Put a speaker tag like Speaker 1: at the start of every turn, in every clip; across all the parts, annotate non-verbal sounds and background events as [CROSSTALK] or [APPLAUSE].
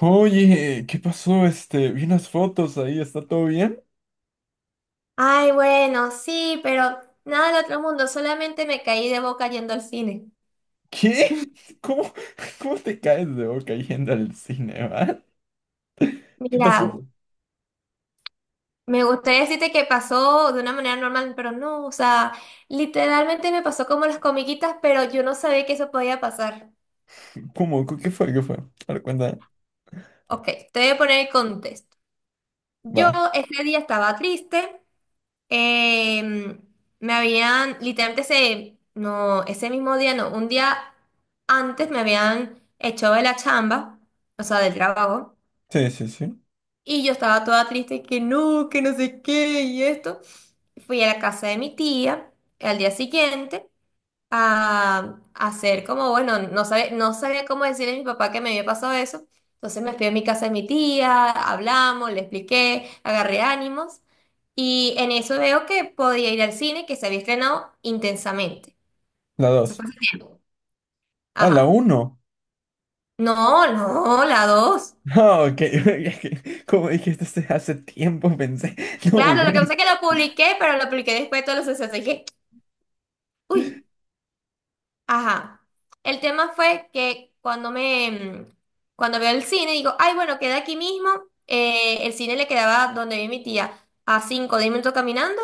Speaker 1: Oye, ¿qué pasó? Este, vi unas fotos ahí, ¿está todo bien?
Speaker 2: Ay, bueno, sí, pero nada del otro mundo, solamente me caí de boca yendo al cine.
Speaker 1: ¿Qué? [LAUGHS] ¿Cómo, cómo te caes de boca yendo al cine, va? ¿Qué pasó?
Speaker 2: Mira, me gustaría decirte que pasó de una manera normal, pero no, o sea, literalmente me pasó como las comiquitas, pero yo no sabía que eso podía pasar.
Speaker 1: ¿Cómo? ¿Qué fue? ¿Qué fue? A ver, cuenta.
Speaker 2: Ok, te voy a poner el contexto. Yo
Speaker 1: Va.
Speaker 2: ese día estaba triste, em, me habían, literalmente ese, no, ese mismo día, no, un día antes me habían echado de la chamba, o sea, del trabajo.
Speaker 1: Sí, sí, sí.
Speaker 2: Y yo estaba toda triste que no sé qué y esto. Fui a la casa de mi tía al día siguiente a hacer como, bueno, no sabía cómo decirle a mi papá que me había pasado eso. Entonces me fui a mi casa de mi tía, hablamos, le expliqué, agarré ánimos y en eso veo que podía ir al cine que se había estrenado intensamente.
Speaker 1: La
Speaker 2: Eso
Speaker 1: dos.
Speaker 2: fue hace tiempo.
Speaker 1: Ah, la
Speaker 2: Ajá.
Speaker 1: uno.
Speaker 2: No, no, la dos.
Speaker 1: Ah, ok. [LAUGHS] Es que, como dijiste hace tiempo, pensé. [LAUGHS] No,
Speaker 2: Claro, lo que pasa
Speaker 1: güey.
Speaker 2: es que lo publiqué, pero lo publiqué después de todos los sucesos. Dije, uy. Ajá. El tema fue que cuando veo el cine, digo, ay, bueno, queda aquí mismo. El cine le quedaba donde vive mi tía, a 5 o 10 minutos caminando.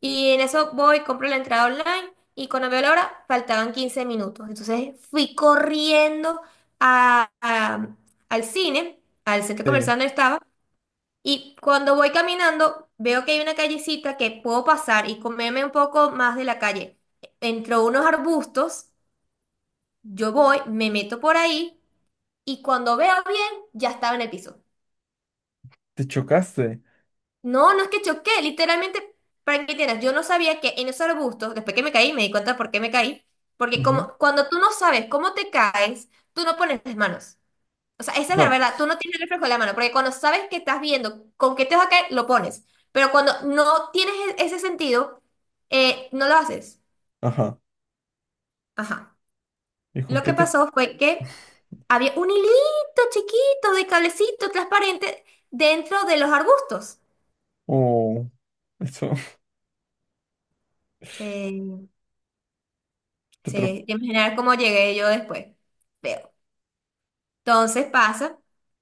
Speaker 2: Y en eso voy, compro la entrada online. Y cuando veo la hora, faltaban 15 minutos. Entonces fui corriendo a- a- al cine, al centro comercial
Speaker 1: Sí,
Speaker 2: donde estaba. Y cuando voy caminando, veo que hay una callecita que puedo pasar y comerme un poco más de la calle. Entró unos arbustos. Yo voy, me meto por ahí y cuando veo bien, ya estaba en el piso.
Speaker 1: te chocaste.
Speaker 2: No, no es que choqué, literalmente, para que tienes, yo no sabía que en esos arbustos, después que me caí, me di cuenta por qué me caí, porque
Speaker 1: Ujú.
Speaker 2: como cuando tú no sabes cómo te caes, tú no pones las manos. O sea, esa es la
Speaker 1: No,
Speaker 2: verdad, tú no tienes el reflejo de la mano, porque cuando sabes que estás viendo con qué te vas a caer, lo pones. Pero cuando no tienes ese sentido, no lo haces.
Speaker 1: ajá.
Speaker 2: Ajá.
Speaker 1: ¿Y con
Speaker 2: Lo
Speaker 1: qué
Speaker 2: que
Speaker 1: te...?
Speaker 2: pasó fue que había un hilito chiquito de cablecito transparente dentro de los arbustos.
Speaker 1: Oh, eso, [LAUGHS]
Speaker 2: Sí,
Speaker 1: te tro...
Speaker 2: sí. Imaginar cómo llegué yo después. Veo. Entonces pasa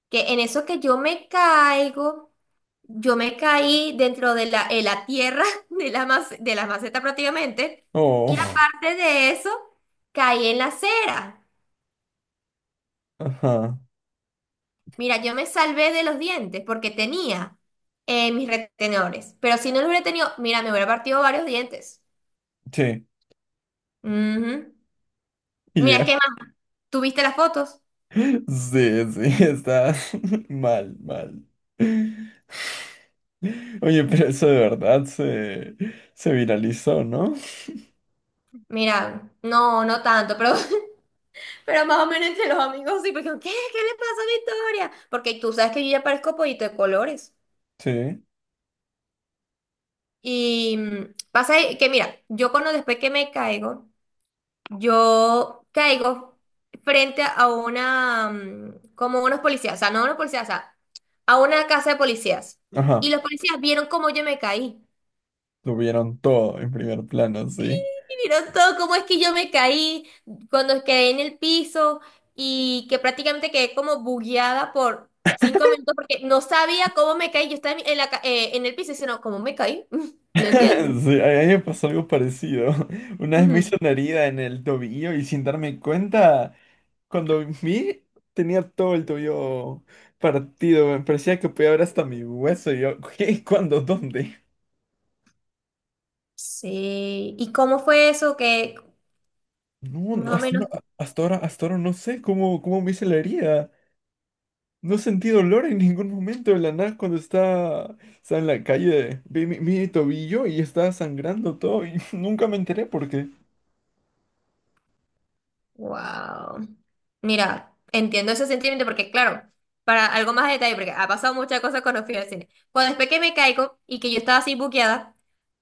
Speaker 2: que en eso que yo me caigo, yo me caí dentro de la, en la tierra [LAUGHS] de la, de la maceta prácticamente. Y
Speaker 1: Oh,
Speaker 2: aparte de eso, caí en la acera.
Speaker 1: ajá.
Speaker 2: Mira, yo me salvé de los dientes porque tenía mis retenedores. Pero si no los hubiera tenido, mira, me hubiera partido varios dientes.
Speaker 1: Sí.
Speaker 2: Ujú.
Speaker 1: Y
Speaker 2: Mira, es que
Speaker 1: llegaste.
Speaker 2: más, ¿tuviste las fotos?
Speaker 1: Sí, sí, está [LAUGHS] mal, mal. Oye, pero eso de verdad se, se viralizó, ¿no?
Speaker 2: Mira, no, no tanto, pero, [LAUGHS] pero más o menos entre los amigos sí, porque ¿qué? ¿Qué le pasa a Victoria? Porque tú sabes que yo ya parezco pollito de colores.
Speaker 1: Sí.
Speaker 2: Y pasa que, mira, yo cuando después que me caigo, yo caigo frente a una, como unos policías, o sea, no unos policías, o sea, a una casa de policías. Y
Speaker 1: Ajá,
Speaker 2: los policías vieron cómo yo me caí.
Speaker 1: lo vieron todo en primer plano, sí. [LAUGHS]
Speaker 2: Y vieron todo cómo es que yo me caí, cuando quedé en el piso y que prácticamente quedé como bugueada por 5 minutos porque no sabía cómo me caí. Yo estaba en la, en el piso y diciendo, ¿cómo me caí? [LAUGHS]
Speaker 1: Sí,
Speaker 2: No entiendo.
Speaker 1: a mí me pasó algo parecido. [LAUGHS] Una vez me hizo
Speaker 2: Ujú.
Speaker 1: una herida en el tobillo y sin darme cuenta, cuando vi, tenía todo el tobillo partido. Me parecía que podía ver hasta mi hueso. Y yo, [LAUGHS] ¿qué? ¿Cuándo? ¿Dónde?
Speaker 2: Sí. ¿Y cómo fue eso? Que
Speaker 1: No,
Speaker 2: más
Speaker 1: no,
Speaker 2: o
Speaker 1: hasta, no,
Speaker 2: menos.
Speaker 1: hasta ahora no sé cómo, cómo me hice la herida. No he sentido dolor en ningún momento. De la nada, cuando está, está en la calle, vi mi, mi tobillo y está sangrando todo y [LAUGHS] nunca me enteré por qué.
Speaker 2: Wow. Mira, entiendo ese sentimiento porque, claro, para algo más de detalle, porque ha pasado muchas cosas cuando fui al cine. Cuando después que me caigo y que yo estaba así buqueada,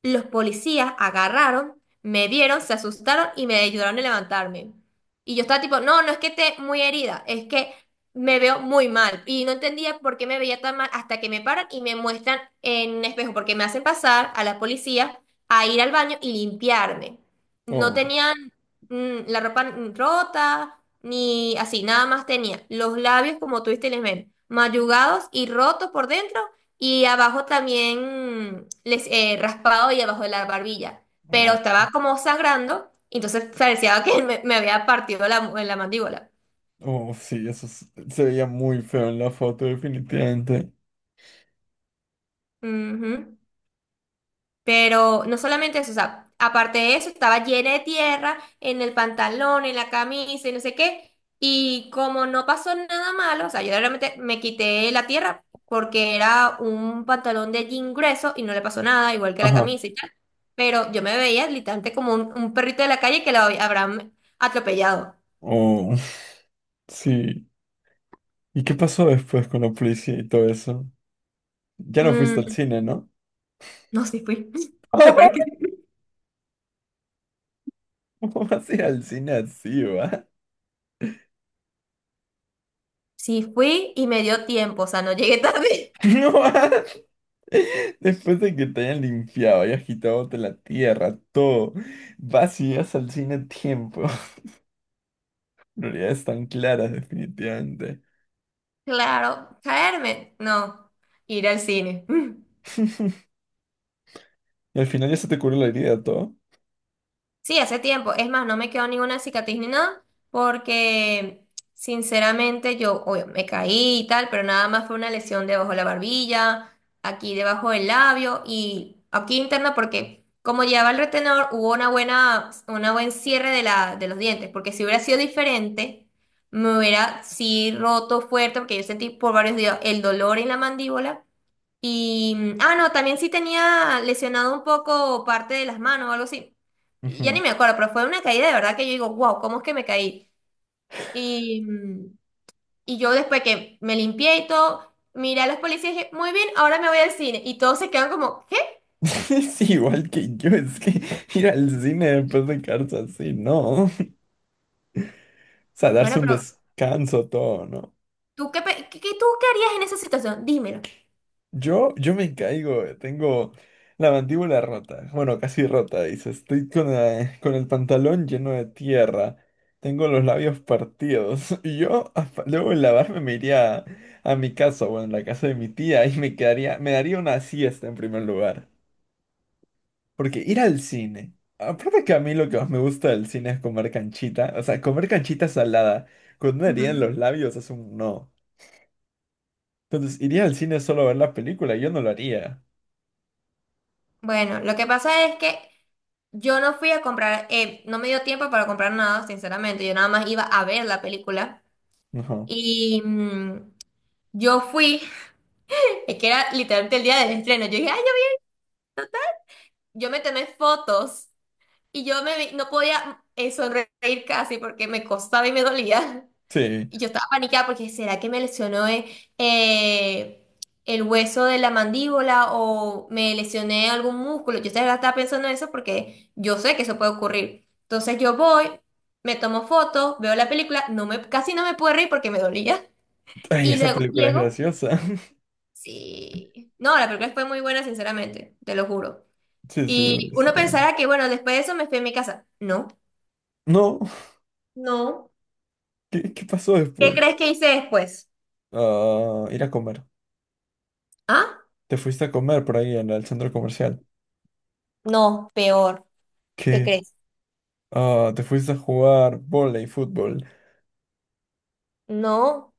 Speaker 2: los policías agarraron, me vieron, se asustaron y me ayudaron a levantarme. Y yo estaba tipo, no, no es que esté muy herida, es que me veo muy mal. Y no entendía por qué me veía tan mal hasta que me paran y me muestran en un espejo, porque me hacen pasar a la policía a ir al baño y limpiarme. No
Speaker 1: Oh,
Speaker 2: tenían la ropa rota, ni así, nada más tenía los labios, como tú viste, les ven, mayugados y rotos por dentro, y abajo también mm, les raspado y abajo de la barbilla. Pero
Speaker 1: oh,
Speaker 2: estaba como sangrando, entonces parecía que me había partido la, la mandíbula.
Speaker 1: oh, sí, eso es, se veía muy feo en la foto, definitivamente.
Speaker 2: Ujú. Pero no solamente eso, o sea, aparte de eso, estaba llena de tierra en el pantalón, en la camisa y no sé qué. Y como no pasó nada malo, o sea, yo realmente me quité la tierra porque era un pantalón de jean grueso y no le pasó nada, igual que la
Speaker 1: Ajá.
Speaker 2: camisa y tal. Pero yo me veía literalmente como un perrito de la calle que lo habrán atropellado.
Speaker 1: Oh, [LAUGHS] sí. ¿Y qué pasó después con la policía y todo eso? Ya no fuiste
Speaker 2: Mm,
Speaker 1: al cine, ¿no?
Speaker 2: no, sí fui. [LAUGHS] Lo peor es que
Speaker 1: [LAUGHS]
Speaker 2: sí.
Speaker 1: ¿Cómo vas a ir al cine así, va?
Speaker 2: Sí fui y me dio tiempo, o sea, no llegué tarde.
Speaker 1: [LAUGHS]
Speaker 2: [LAUGHS]
Speaker 1: No, [LAUGHS] después de que te hayan limpiado y agitado de la tierra, todo, vas y llegas al cine a tiempo. [LAUGHS] Prioridades tan claras, definitivamente.
Speaker 2: Claro, caerme, no, ir al cine. [LAUGHS]
Speaker 1: [LAUGHS] Y al final ya se te curó la herida, todo.
Speaker 2: Sí, hace tiempo. Es más, no me quedó ninguna cicatriz ni nada, porque sinceramente yo, obvio, me caí y tal, pero nada más fue una lesión debajo de la barbilla, aquí debajo del labio y aquí interna, porque como llevaba el retenedor, hubo una buena, una buen cierre de la, de los dientes, porque si hubiera sido diferente, me hubiera sí roto fuerte, porque yo sentí por varios días el dolor en la mandíbula y, no, también sí tenía lesionado un poco parte de las manos o algo así. Ya ni
Speaker 1: Ujú.
Speaker 2: me acuerdo, pero fue una caída de verdad que yo digo, wow, ¿cómo es que me caí? Y, mm, y yo después que me limpié y todo, miré a los policías y dije, muy bien, ahora me voy al cine. Y todos se quedan como, ¿qué?
Speaker 1: [LAUGHS] Es igual que yo, es que [LAUGHS] ir al cine después de quedarse así, no. [LAUGHS] O sea,
Speaker 2: Bueno,
Speaker 1: darse un
Speaker 2: pero
Speaker 1: descanso, todo, ¿no?
Speaker 2: ¿tú qué, pe- qué, qué- tú qué harías en esa situación? Dímelo.
Speaker 1: Yo me caigo, tengo la mandíbula rota, bueno, casi rota, dice, estoy con, la, con el pantalón lleno de tierra, tengo los labios partidos, [LAUGHS] y yo a, luego de lavarme me iría a, mi casa, bueno, en la casa de mi tía, y me quedaría, me daría una siesta en primer lugar, porque ir al cine, aparte que a mí lo que más me gusta del cine es comer canchita, o sea, comer canchita salada, con una herida en los
Speaker 2: Ujú.
Speaker 1: labios es un no, entonces iría al cine solo a ver la película, yo no lo haría,
Speaker 2: Bueno, lo que pasa es que yo no fui a comprar, no me dio tiempo para comprar nada, sinceramente. Yo nada más iba a ver la película.
Speaker 1: [LAUGHS] no,
Speaker 2: Y, mm, Yo fui, [LAUGHS] es que era literalmente el día del estreno. Yo dije, ay, yo me tomé fotos y yo no podía sonreír casi porque me costaba y me dolía.
Speaker 1: sí.
Speaker 2: Y yo estaba paniqueada porque, ¿será que me lesionó el hueso de la mandíbula o me lesioné algún músculo? Yo estaba pensando en eso porque yo sé que eso puede ocurrir. Entonces yo voy, me tomo fotos, veo la película, no me, casi no me puedo reír porque me dolía.
Speaker 1: Ay,
Speaker 2: Y
Speaker 1: esa
Speaker 2: luego
Speaker 1: película es
Speaker 2: llego.
Speaker 1: graciosa. [LAUGHS]
Speaker 2: Sí. No, la película fue muy buena, sinceramente, te lo juro.
Speaker 1: Sí, sí, la he
Speaker 2: Y
Speaker 1: visto
Speaker 2: uno
Speaker 1: también.
Speaker 2: pensará que, bueno, después de eso me fui a mi casa. No.
Speaker 1: No,
Speaker 2: No,
Speaker 1: ¿qué, qué pasó
Speaker 2: ¿qué
Speaker 1: después?
Speaker 2: crees que hice después?
Speaker 1: Ah, ir a comer.
Speaker 2: ¿Ah?
Speaker 1: Te fuiste a comer por ahí en el centro comercial.
Speaker 2: No, peor. ¿Qué
Speaker 1: ¿Qué?
Speaker 2: crees?
Speaker 1: Ah, te fuiste a jugar vóley, fútbol.
Speaker 2: No,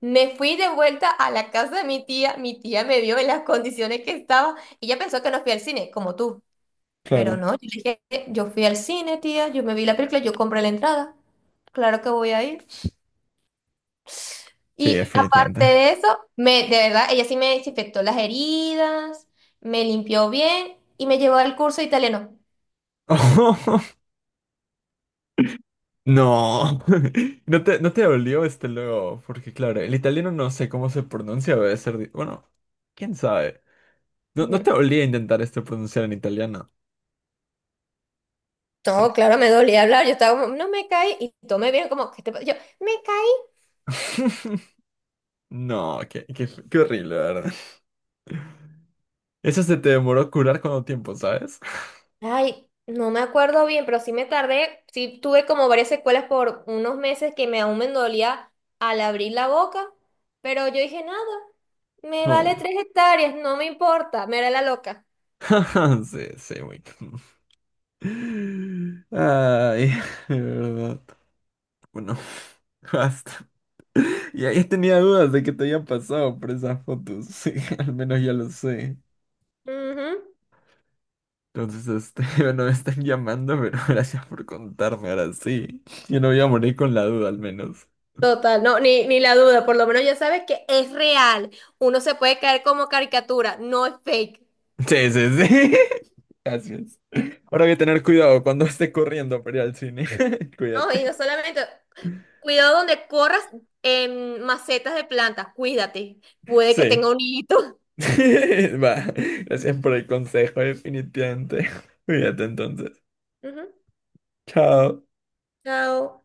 Speaker 2: me fui de vuelta a la casa de mi tía. Mi tía me vio en las condiciones que estaba. Ella pensó que no fui al cine, como tú. Pero
Speaker 1: Claro.
Speaker 2: no, yo le dije, yo fui al cine, tía. Yo me vi la película, yo compré la entrada. Claro que voy a ir.
Speaker 1: Sí,
Speaker 2: Y aparte
Speaker 1: definitivamente.
Speaker 2: de eso, me, de verdad, ella sí me desinfectó las heridas, me limpió bien y me llevó al curso de italiano.
Speaker 1: [LAUGHS] No. [LAUGHS] ¿No te, no te dolió este luego? Porque claro, el italiano no sé cómo se pronuncia, debe ser... di... bueno, quién sabe. No, no te
Speaker 2: Ujú.
Speaker 1: dolía intentar este pronunciar en italiano.
Speaker 2: No,
Speaker 1: ¿Sabes?
Speaker 2: claro, me dolía hablar. Yo estaba como, no me caí. Y tomé bien, como, que yo, me caí.
Speaker 1: [LAUGHS] No, qué, qué, qué horrible, la ¿verdad? Eso se te demoró curar cuánto tiempo, ¿sabes?
Speaker 2: Ay, no me acuerdo bien, pero sí me tardé. Sí tuve como varias secuelas por unos meses que me aún me dolía al abrir la boca. Pero yo dije, nada, me vale
Speaker 1: Oh.
Speaker 2: tres hectáreas, no me importa, me era la loca.
Speaker 1: [LAUGHS] Sí, sí, güey. Ay, de verdad. Bueno, basta. Y ahí tenía dudas de que te habían pasado por esas fotos. Sí, [LAUGHS] al menos ya lo sé.
Speaker 2: Ujú.
Speaker 1: Entonces, este, [LAUGHS] bueno, me están llamando, pero [LAUGHS] gracias por contarme ahora sí. Yo no voy a morir con la duda, al menos.
Speaker 2: Total, no, ni la duda, por lo menos ya sabes que es real. Uno se puede caer como caricatura, no es fake.
Speaker 1: Sí, sí, sí. [LAUGHS] Gracias. Ahora voy a tener cuidado cuando esté corriendo para ir al cine. [LAUGHS]
Speaker 2: No, y
Speaker 1: Cuídate.
Speaker 2: no solamente, cuidado donde corras en macetas de plantas, cuídate, puede que
Speaker 1: Sí.
Speaker 2: tenga un hito.
Speaker 1: [LAUGHS] Va, gracias por el consejo, definitivamente. [LAUGHS] Cuídate entonces.
Speaker 2: Ujú,
Speaker 1: Chao.
Speaker 2: Chao.